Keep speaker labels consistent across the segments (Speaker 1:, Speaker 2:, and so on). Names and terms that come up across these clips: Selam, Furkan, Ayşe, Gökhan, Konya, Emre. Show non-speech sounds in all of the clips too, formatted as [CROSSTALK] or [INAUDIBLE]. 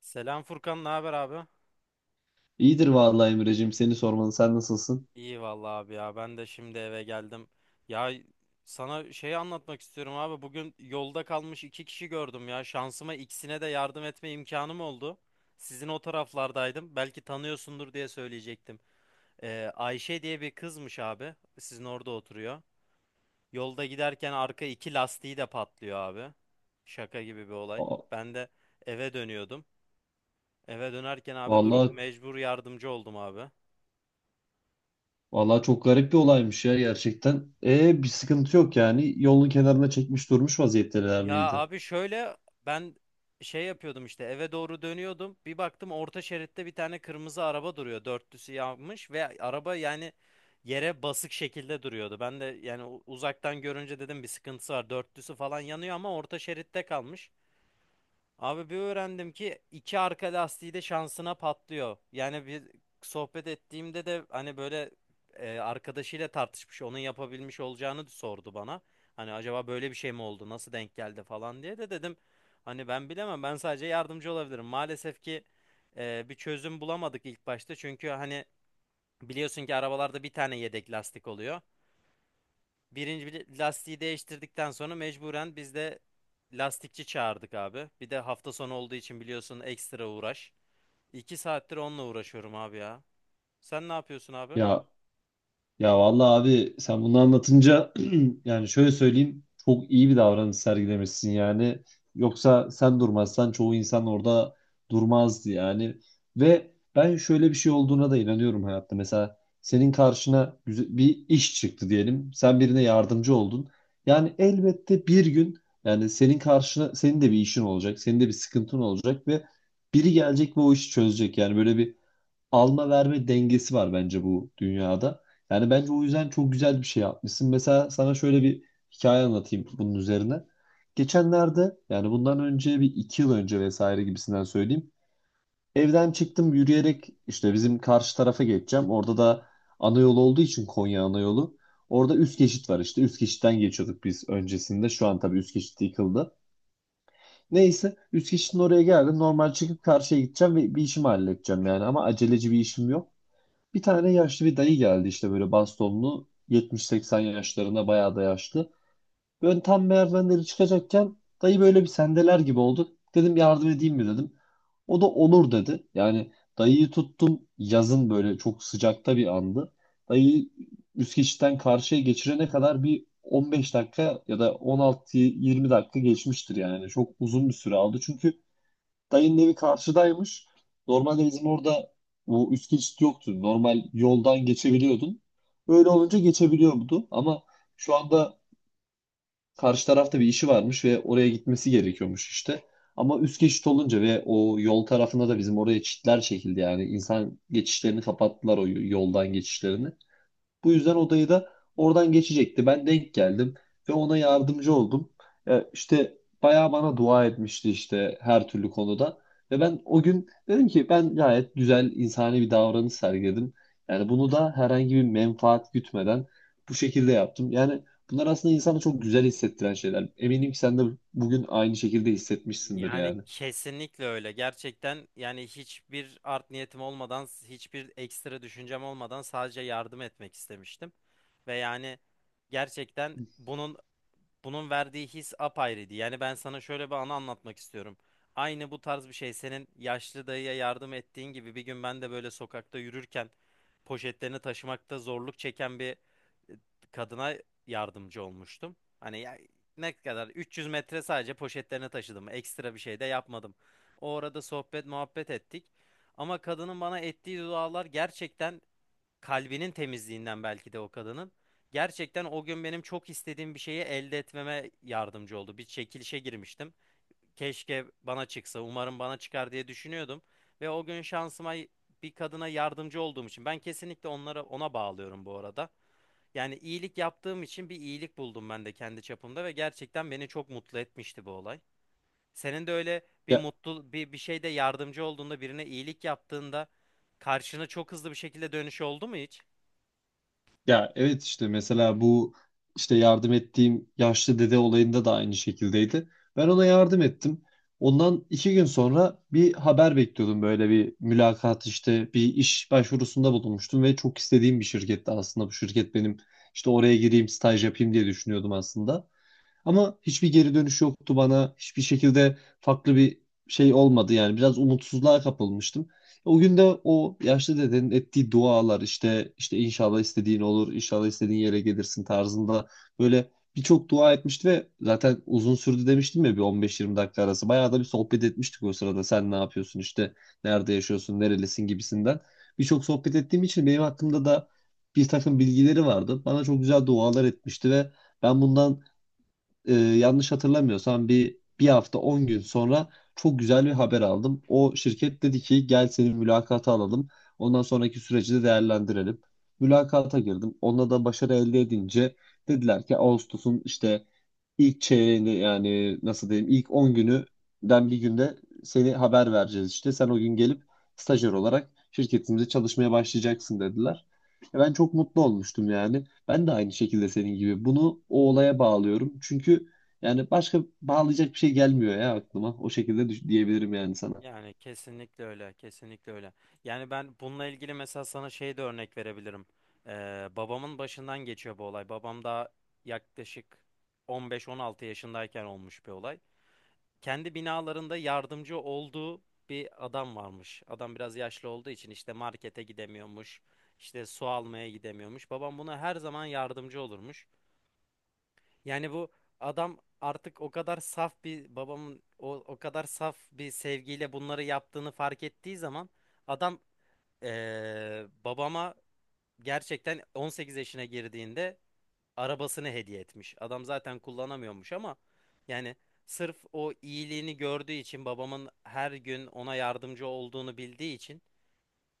Speaker 1: Selam Furkan, ne haber abi?
Speaker 2: İyidir vallahi Emre'cim seni sormalı. Sen nasılsın?
Speaker 1: İyi vallahi abi ya. Ben de şimdi eve geldim. Ya sana şeyi anlatmak istiyorum abi. Bugün yolda kalmış iki kişi gördüm ya. Şansıma ikisine de yardım etme imkanım oldu. Sizin o taraflardaydım. Belki tanıyorsundur diye söyleyecektim. Ayşe diye bir kızmış abi. Sizin orada oturuyor. Yolda giderken arka iki lastiği de patlıyor abi. Şaka gibi bir olay.
Speaker 2: Aa,
Speaker 1: Ben de eve dönüyordum. Eve dönerken abi durup
Speaker 2: vallahi
Speaker 1: mecbur yardımcı oldum abi.
Speaker 2: vallahi çok garip bir olaymış ya gerçekten. E, bir sıkıntı yok yani. Yolun kenarına çekmiş durmuş vaziyetteler
Speaker 1: Ya
Speaker 2: miydi?
Speaker 1: abi şöyle ben şey yapıyordum işte eve doğru dönüyordum. Bir baktım orta şeritte bir tane kırmızı araba duruyor. Dörtlüsü yanmış ve araba yani yere basık şekilde duruyordu. Ben de yani uzaktan görünce dedim bir sıkıntısı var. Dörtlüsü falan yanıyor ama orta şeritte kalmış. Abi bir öğrendim ki iki arka lastiği de şansına patlıyor. Yani bir sohbet ettiğimde de hani böyle arkadaşıyla tartışmış onun yapabilmiş olacağını sordu bana. Hani acaba böyle bir şey mi oldu, nasıl denk geldi falan diye de dedim. Hani ben bilemem, ben sadece yardımcı olabilirim. Maalesef ki bir çözüm bulamadık ilk başta, çünkü hani biliyorsun ki arabalarda bir tane yedek lastik oluyor. Birinci bir lastiği değiştirdikten sonra mecburen biz de lastikçi çağırdık abi. Bir de hafta sonu olduğu için biliyorsun, ekstra uğraş. 2 saattir onunla uğraşıyorum abi ya. Sen ne yapıyorsun abi?
Speaker 2: Ya, ya vallahi abi sen bunu anlatınca [CLEARS THROAT] yani şöyle söyleyeyim, çok iyi bir davranış sergilemişsin yani. Yoksa sen durmazsan çoğu insan orada durmazdı yani. Ve ben şöyle bir şey olduğuna da inanıyorum hayatta. Mesela senin karşına bir iş çıktı diyelim. Sen birine yardımcı oldun. Yani elbette bir gün, yani senin karşına senin de bir işin olacak. Senin de bir sıkıntın olacak ve biri gelecek ve o işi çözecek. Yani böyle bir alma verme dengesi var bence bu dünyada. Yani bence o yüzden çok güzel bir şey yapmışsın. Mesela sana şöyle bir hikaye anlatayım bunun üzerine. Geçenlerde, yani bundan önce bir iki yıl önce vesaire gibisinden söyleyeyim. Evden çıktım yürüyerek, işte bizim karşı tarafa geçeceğim. Orada da ana yol olduğu için, Konya ana yolu. Orada üst geçit var işte. Üst geçitten geçiyorduk biz öncesinde. Şu an tabii üst geçit yıkıldı. Neyse, üst geçitin oraya geldim. Normal çıkıp karşıya gideceğim ve bir işimi halledeceğim yani. Ama aceleci bir işim yok. Bir tane yaşlı bir dayı geldi, işte böyle bastonlu, 70-80 yaşlarında, bayağı da yaşlı. Böyle tam merdivenleri çıkacakken dayı böyle bir sendeler gibi oldu. Dedim yardım edeyim mi dedim. O da olur dedi. Yani dayıyı tuttum, yazın böyle çok sıcakta bir andı. Dayıyı üst geçitten karşıya geçirene kadar bir 15 dakika ya da 16-20 dakika geçmiştir yani. Çok uzun bir süre aldı. Çünkü dayının evi karşıdaymış. Normalde bizim orada bu üst geçit yoktu. Normal yoldan geçebiliyordun. Öyle olunca geçebiliyordu. Ama şu anda karşı tarafta bir işi varmış ve oraya gitmesi gerekiyormuş işte. Ama üst geçit olunca ve o yol tarafında da bizim oraya çitler çekildi yani. İnsan geçişlerini kapattılar, o yoldan geçişlerini. Bu yüzden odayı da oradan geçecekti. Ben denk geldim ve ona yardımcı oldum. E, işte bayağı bana dua etmişti işte, her türlü konuda. Ve ben o gün dedim ki ben gayet güzel insani bir davranış sergiledim. Yani bunu da herhangi bir menfaat gütmeden bu şekilde yaptım. Yani bunlar aslında insanı çok güzel hissettiren şeyler. Eminim ki sen de bugün aynı şekilde hissetmişsindir
Speaker 1: Yani
Speaker 2: yani.
Speaker 1: kesinlikle öyle. Gerçekten yani hiçbir art niyetim olmadan, hiçbir ekstra düşüncem olmadan sadece yardım etmek istemiştim. Ve yani gerçekten bunun verdiği his apayrıydı. Yani ben sana şöyle bir anı anlatmak istiyorum. Aynı bu tarz bir şey, senin yaşlı dayıya yardım ettiğin gibi, bir gün ben de böyle sokakta yürürken poşetlerini taşımakta zorluk çeken bir e, kadına yardımcı olmuştum. Hani ya, ne kadar, 300 metre sadece poşetlerini taşıdım. Ekstra bir şey de yapmadım. O arada sohbet muhabbet ettik. Ama kadının bana ettiği dualar, gerçekten kalbinin temizliğinden belki de o kadının, gerçekten o gün benim çok istediğim bir şeyi elde etmeme yardımcı oldu. Bir çekilişe girmiştim. Keşke bana çıksa, umarım bana çıkar diye düşünüyordum. Ve o gün şansıma bir kadına yardımcı olduğum için, ben kesinlikle onlara ona bağlıyorum bu arada. Yani iyilik yaptığım için bir iyilik buldum ben de kendi çapımda, ve gerçekten beni çok mutlu etmişti bu olay. Senin de öyle bir mutlu bir şeyde yardımcı olduğunda, birine iyilik yaptığında, karşına çok hızlı bir şekilde dönüş oldu mu hiç?
Speaker 2: Ya evet, işte mesela bu işte yardım ettiğim yaşlı dede olayında da aynı şekildeydi. Ben ona yardım ettim. Ondan 2 gün sonra bir haber bekliyordum, böyle bir mülakat, işte bir iş başvurusunda bulunmuştum ve çok istediğim bir şirketti aslında bu şirket benim, işte oraya gireyim staj yapayım diye düşünüyordum aslında. Ama hiçbir geri dönüş yoktu bana. Hiçbir şekilde farklı bir şey olmadı yani. Biraz umutsuzluğa kapılmıştım. O gün de o yaşlı dedenin ettiği dualar, işte inşallah istediğin olur, inşallah istediğin yere gelirsin tarzında böyle birçok dua etmişti ve zaten uzun sürdü demiştim ya, bir 15-20 dakika arası. Bayağı da bir sohbet etmiştik o sırada. Sen ne yapıyorsun işte, nerede yaşıyorsun, nerelisin gibisinden. Birçok sohbet ettiğim için benim hakkımda da bir takım bilgileri vardı. Bana çok güzel dualar etmişti ve ben bundan yanlış hatırlamıyorsam bir hafta 10 gün sonra çok güzel bir haber aldım. O şirket dedi ki gel seni mülakata alalım. Ondan sonraki süreci de değerlendirelim. Mülakata girdim. Onda da başarı elde edince dediler ki Ağustos'un işte İlk çeyreğinde, yani nasıl diyeyim, ilk 10 günüden bir günde seni haber vereceğiz işte. Sen o gün gelip stajyer olarak şirketimize çalışmaya başlayacaksın dediler. E, ben çok mutlu olmuştum yani. Ben de aynı şekilde senin gibi. Bunu o olaya bağlıyorum. Çünkü yani başka bağlayacak bir şey gelmiyor ya aklıma. O şekilde diyebilirim yani sana.
Speaker 1: Yani kesinlikle öyle, kesinlikle öyle. Yani ben bununla ilgili mesela sana şey de örnek verebilirim. Babamın başından geçiyor bu olay. Babam da yaklaşık 15-16 yaşındayken olmuş bir olay. Kendi binalarında yardımcı olduğu bir adam varmış. Adam biraz yaşlı olduğu için işte markete gidemiyormuş, işte su almaya gidemiyormuş. Babam buna her zaman yardımcı olurmuş. Yani bu adam, artık o kadar saf bir, babamın o kadar saf bir sevgiyle bunları yaptığını fark ettiği zaman, adam babama, gerçekten 18 yaşına girdiğinde arabasını hediye etmiş. Adam zaten kullanamıyormuş ama yani sırf o iyiliğini gördüğü için, babamın her gün ona yardımcı olduğunu bildiği için,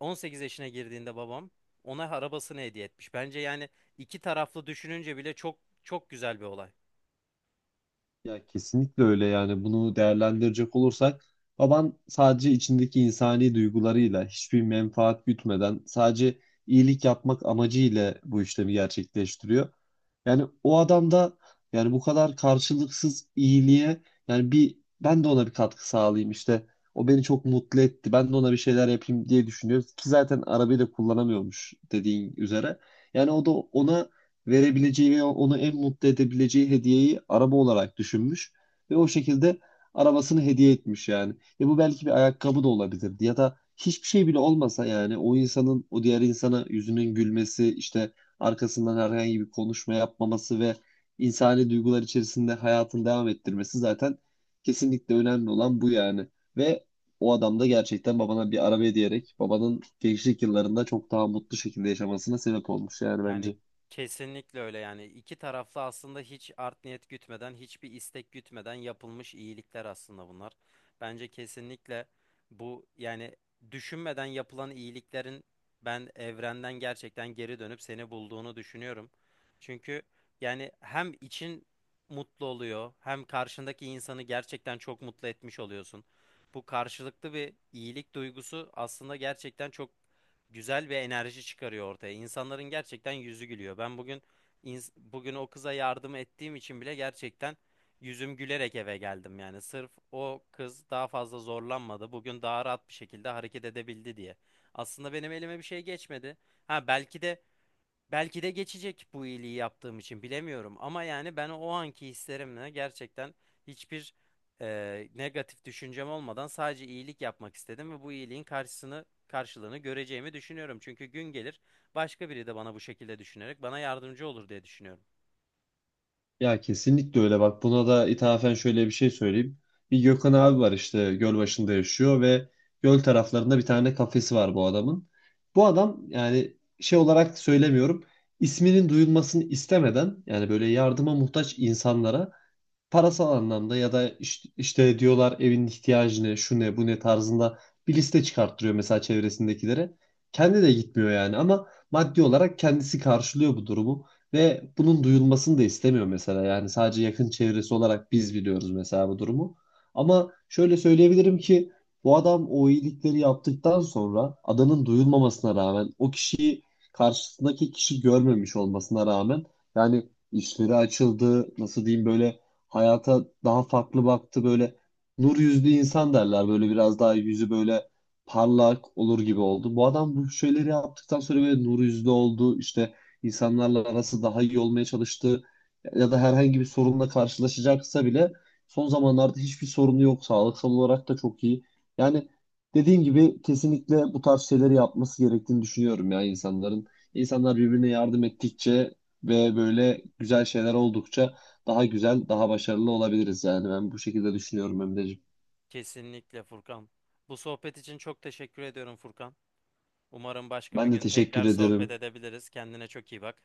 Speaker 1: 18 yaşına girdiğinde babam, ona arabasını hediye etmiş. Bence yani iki taraflı düşününce bile çok çok güzel bir olay.
Speaker 2: Ya kesinlikle öyle, yani bunu değerlendirecek olursak baban sadece içindeki insani duygularıyla hiçbir menfaat gütmeden, sadece iyilik yapmak amacıyla bu işlemi gerçekleştiriyor. Yani o adam da, yani bu kadar karşılıksız iyiliğe, yani bir ben de ona bir katkı sağlayayım işte, o beni çok mutlu etti, ben de ona bir şeyler yapayım diye düşünüyor ki zaten arabayı da kullanamıyormuş dediğin üzere. Yani o da ona verebileceği ve onu en mutlu edebileceği hediyeyi araba olarak düşünmüş ve o şekilde arabasını hediye etmiş yani. Ve bu belki bir ayakkabı da olabilirdi ya da hiçbir şey bile olmasa yani, o insanın o diğer insana yüzünün gülmesi işte, arkasından herhangi bir konuşma yapmaması ve insani duygular içerisinde hayatını devam ettirmesi zaten kesinlikle önemli olan bu yani. Ve o adam da gerçekten babana bir araba hediye, babanın gençlik yıllarında çok daha mutlu şekilde yaşamasına sebep olmuş yani
Speaker 1: Yani
Speaker 2: bence.
Speaker 1: kesinlikle öyle, yani iki taraflı aslında hiç art niyet gütmeden, hiçbir istek gütmeden yapılmış iyilikler aslında bunlar. Bence kesinlikle bu, yani düşünmeden yapılan iyiliklerin ben evrenden gerçekten geri dönüp seni bulduğunu düşünüyorum. Çünkü yani hem için mutlu oluyor, hem karşındaki insanı gerçekten çok mutlu etmiş oluyorsun. Bu karşılıklı bir iyilik duygusu aslında gerçekten çok güzel bir enerji çıkarıyor ortaya. İnsanların gerçekten yüzü gülüyor. Ben bugün, bugün o kıza yardım ettiğim için bile gerçekten yüzüm gülerek eve geldim. Yani sırf o kız daha fazla zorlanmadı, bugün daha rahat bir şekilde hareket edebildi diye. Aslında benim elime bir şey geçmedi. Ha belki de geçecek bu iyiliği yaptığım için, bilemiyorum. Ama yani ben o anki hislerimle gerçekten hiçbir negatif düşüncem olmadan sadece iyilik yapmak istedim, ve bu iyiliğin karşısını karşılığını göreceğimi düşünüyorum. Çünkü gün gelir, başka biri de bana bu şekilde düşünerek bana yardımcı olur diye düşünüyorum.
Speaker 2: Ya kesinlikle öyle, bak buna da ithafen şöyle bir şey söyleyeyim. Bir Gökhan abi var, işte göl başında yaşıyor ve göl taraflarında bir tane kafesi var bu adamın. Bu adam, yani şey olarak söylemiyorum, isminin duyulmasını istemeden yani, böyle yardıma muhtaç insanlara parasal anlamda, ya da işte diyorlar evin ihtiyacı ne, şu ne, bu ne tarzında bir liste çıkarttırıyor mesela çevresindekilere. Kendi de gitmiyor yani ama maddi olarak kendisi karşılıyor bu durumu ve bunun duyulmasını da istemiyor mesela. Yani sadece yakın çevresi olarak biz biliyoruz mesela bu durumu. Ama şöyle söyleyebilirim ki bu adam o iyilikleri yaptıktan sonra, adanın duyulmamasına rağmen, o kişiyi karşısındaki kişi görmemiş olmasına rağmen, yani işleri açıldı, nasıl diyeyim, böyle hayata daha farklı baktı, böyle nur yüzlü insan derler, böyle biraz daha yüzü böyle parlak olur gibi oldu. Bu adam bu şeyleri yaptıktan sonra böyle nur yüzlü oldu işte, insanlarla arası daha iyi olmaya çalıştı ya da herhangi bir sorunla karşılaşacaksa bile son zamanlarda hiçbir sorunu yok, sağlıksal olarak da çok iyi. Yani dediğim gibi kesinlikle bu tarz şeyleri yapması gerektiğini düşünüyorum ya insanların. İnsanlar birbirine yardım ettikçe ve böyle güzel şeyler oldukça daha güzel, daha başarılı olabiliriz yani. Ben bu şekilde düşünüyorum Emre'ciğim.
Speaker 1: Kesinlikle Furkan. Bu sohbet için çok teşekkür ediyorum Furkan. Umarım başka bir
Speaker 2: Ben de
Speaker 1: gün
Speaker 2: teşekkür
Speaker 1: tekrar sohbet
Speaker 2: ederim.
Speaker 1: edebiliriz. Kendine çok iyi bak.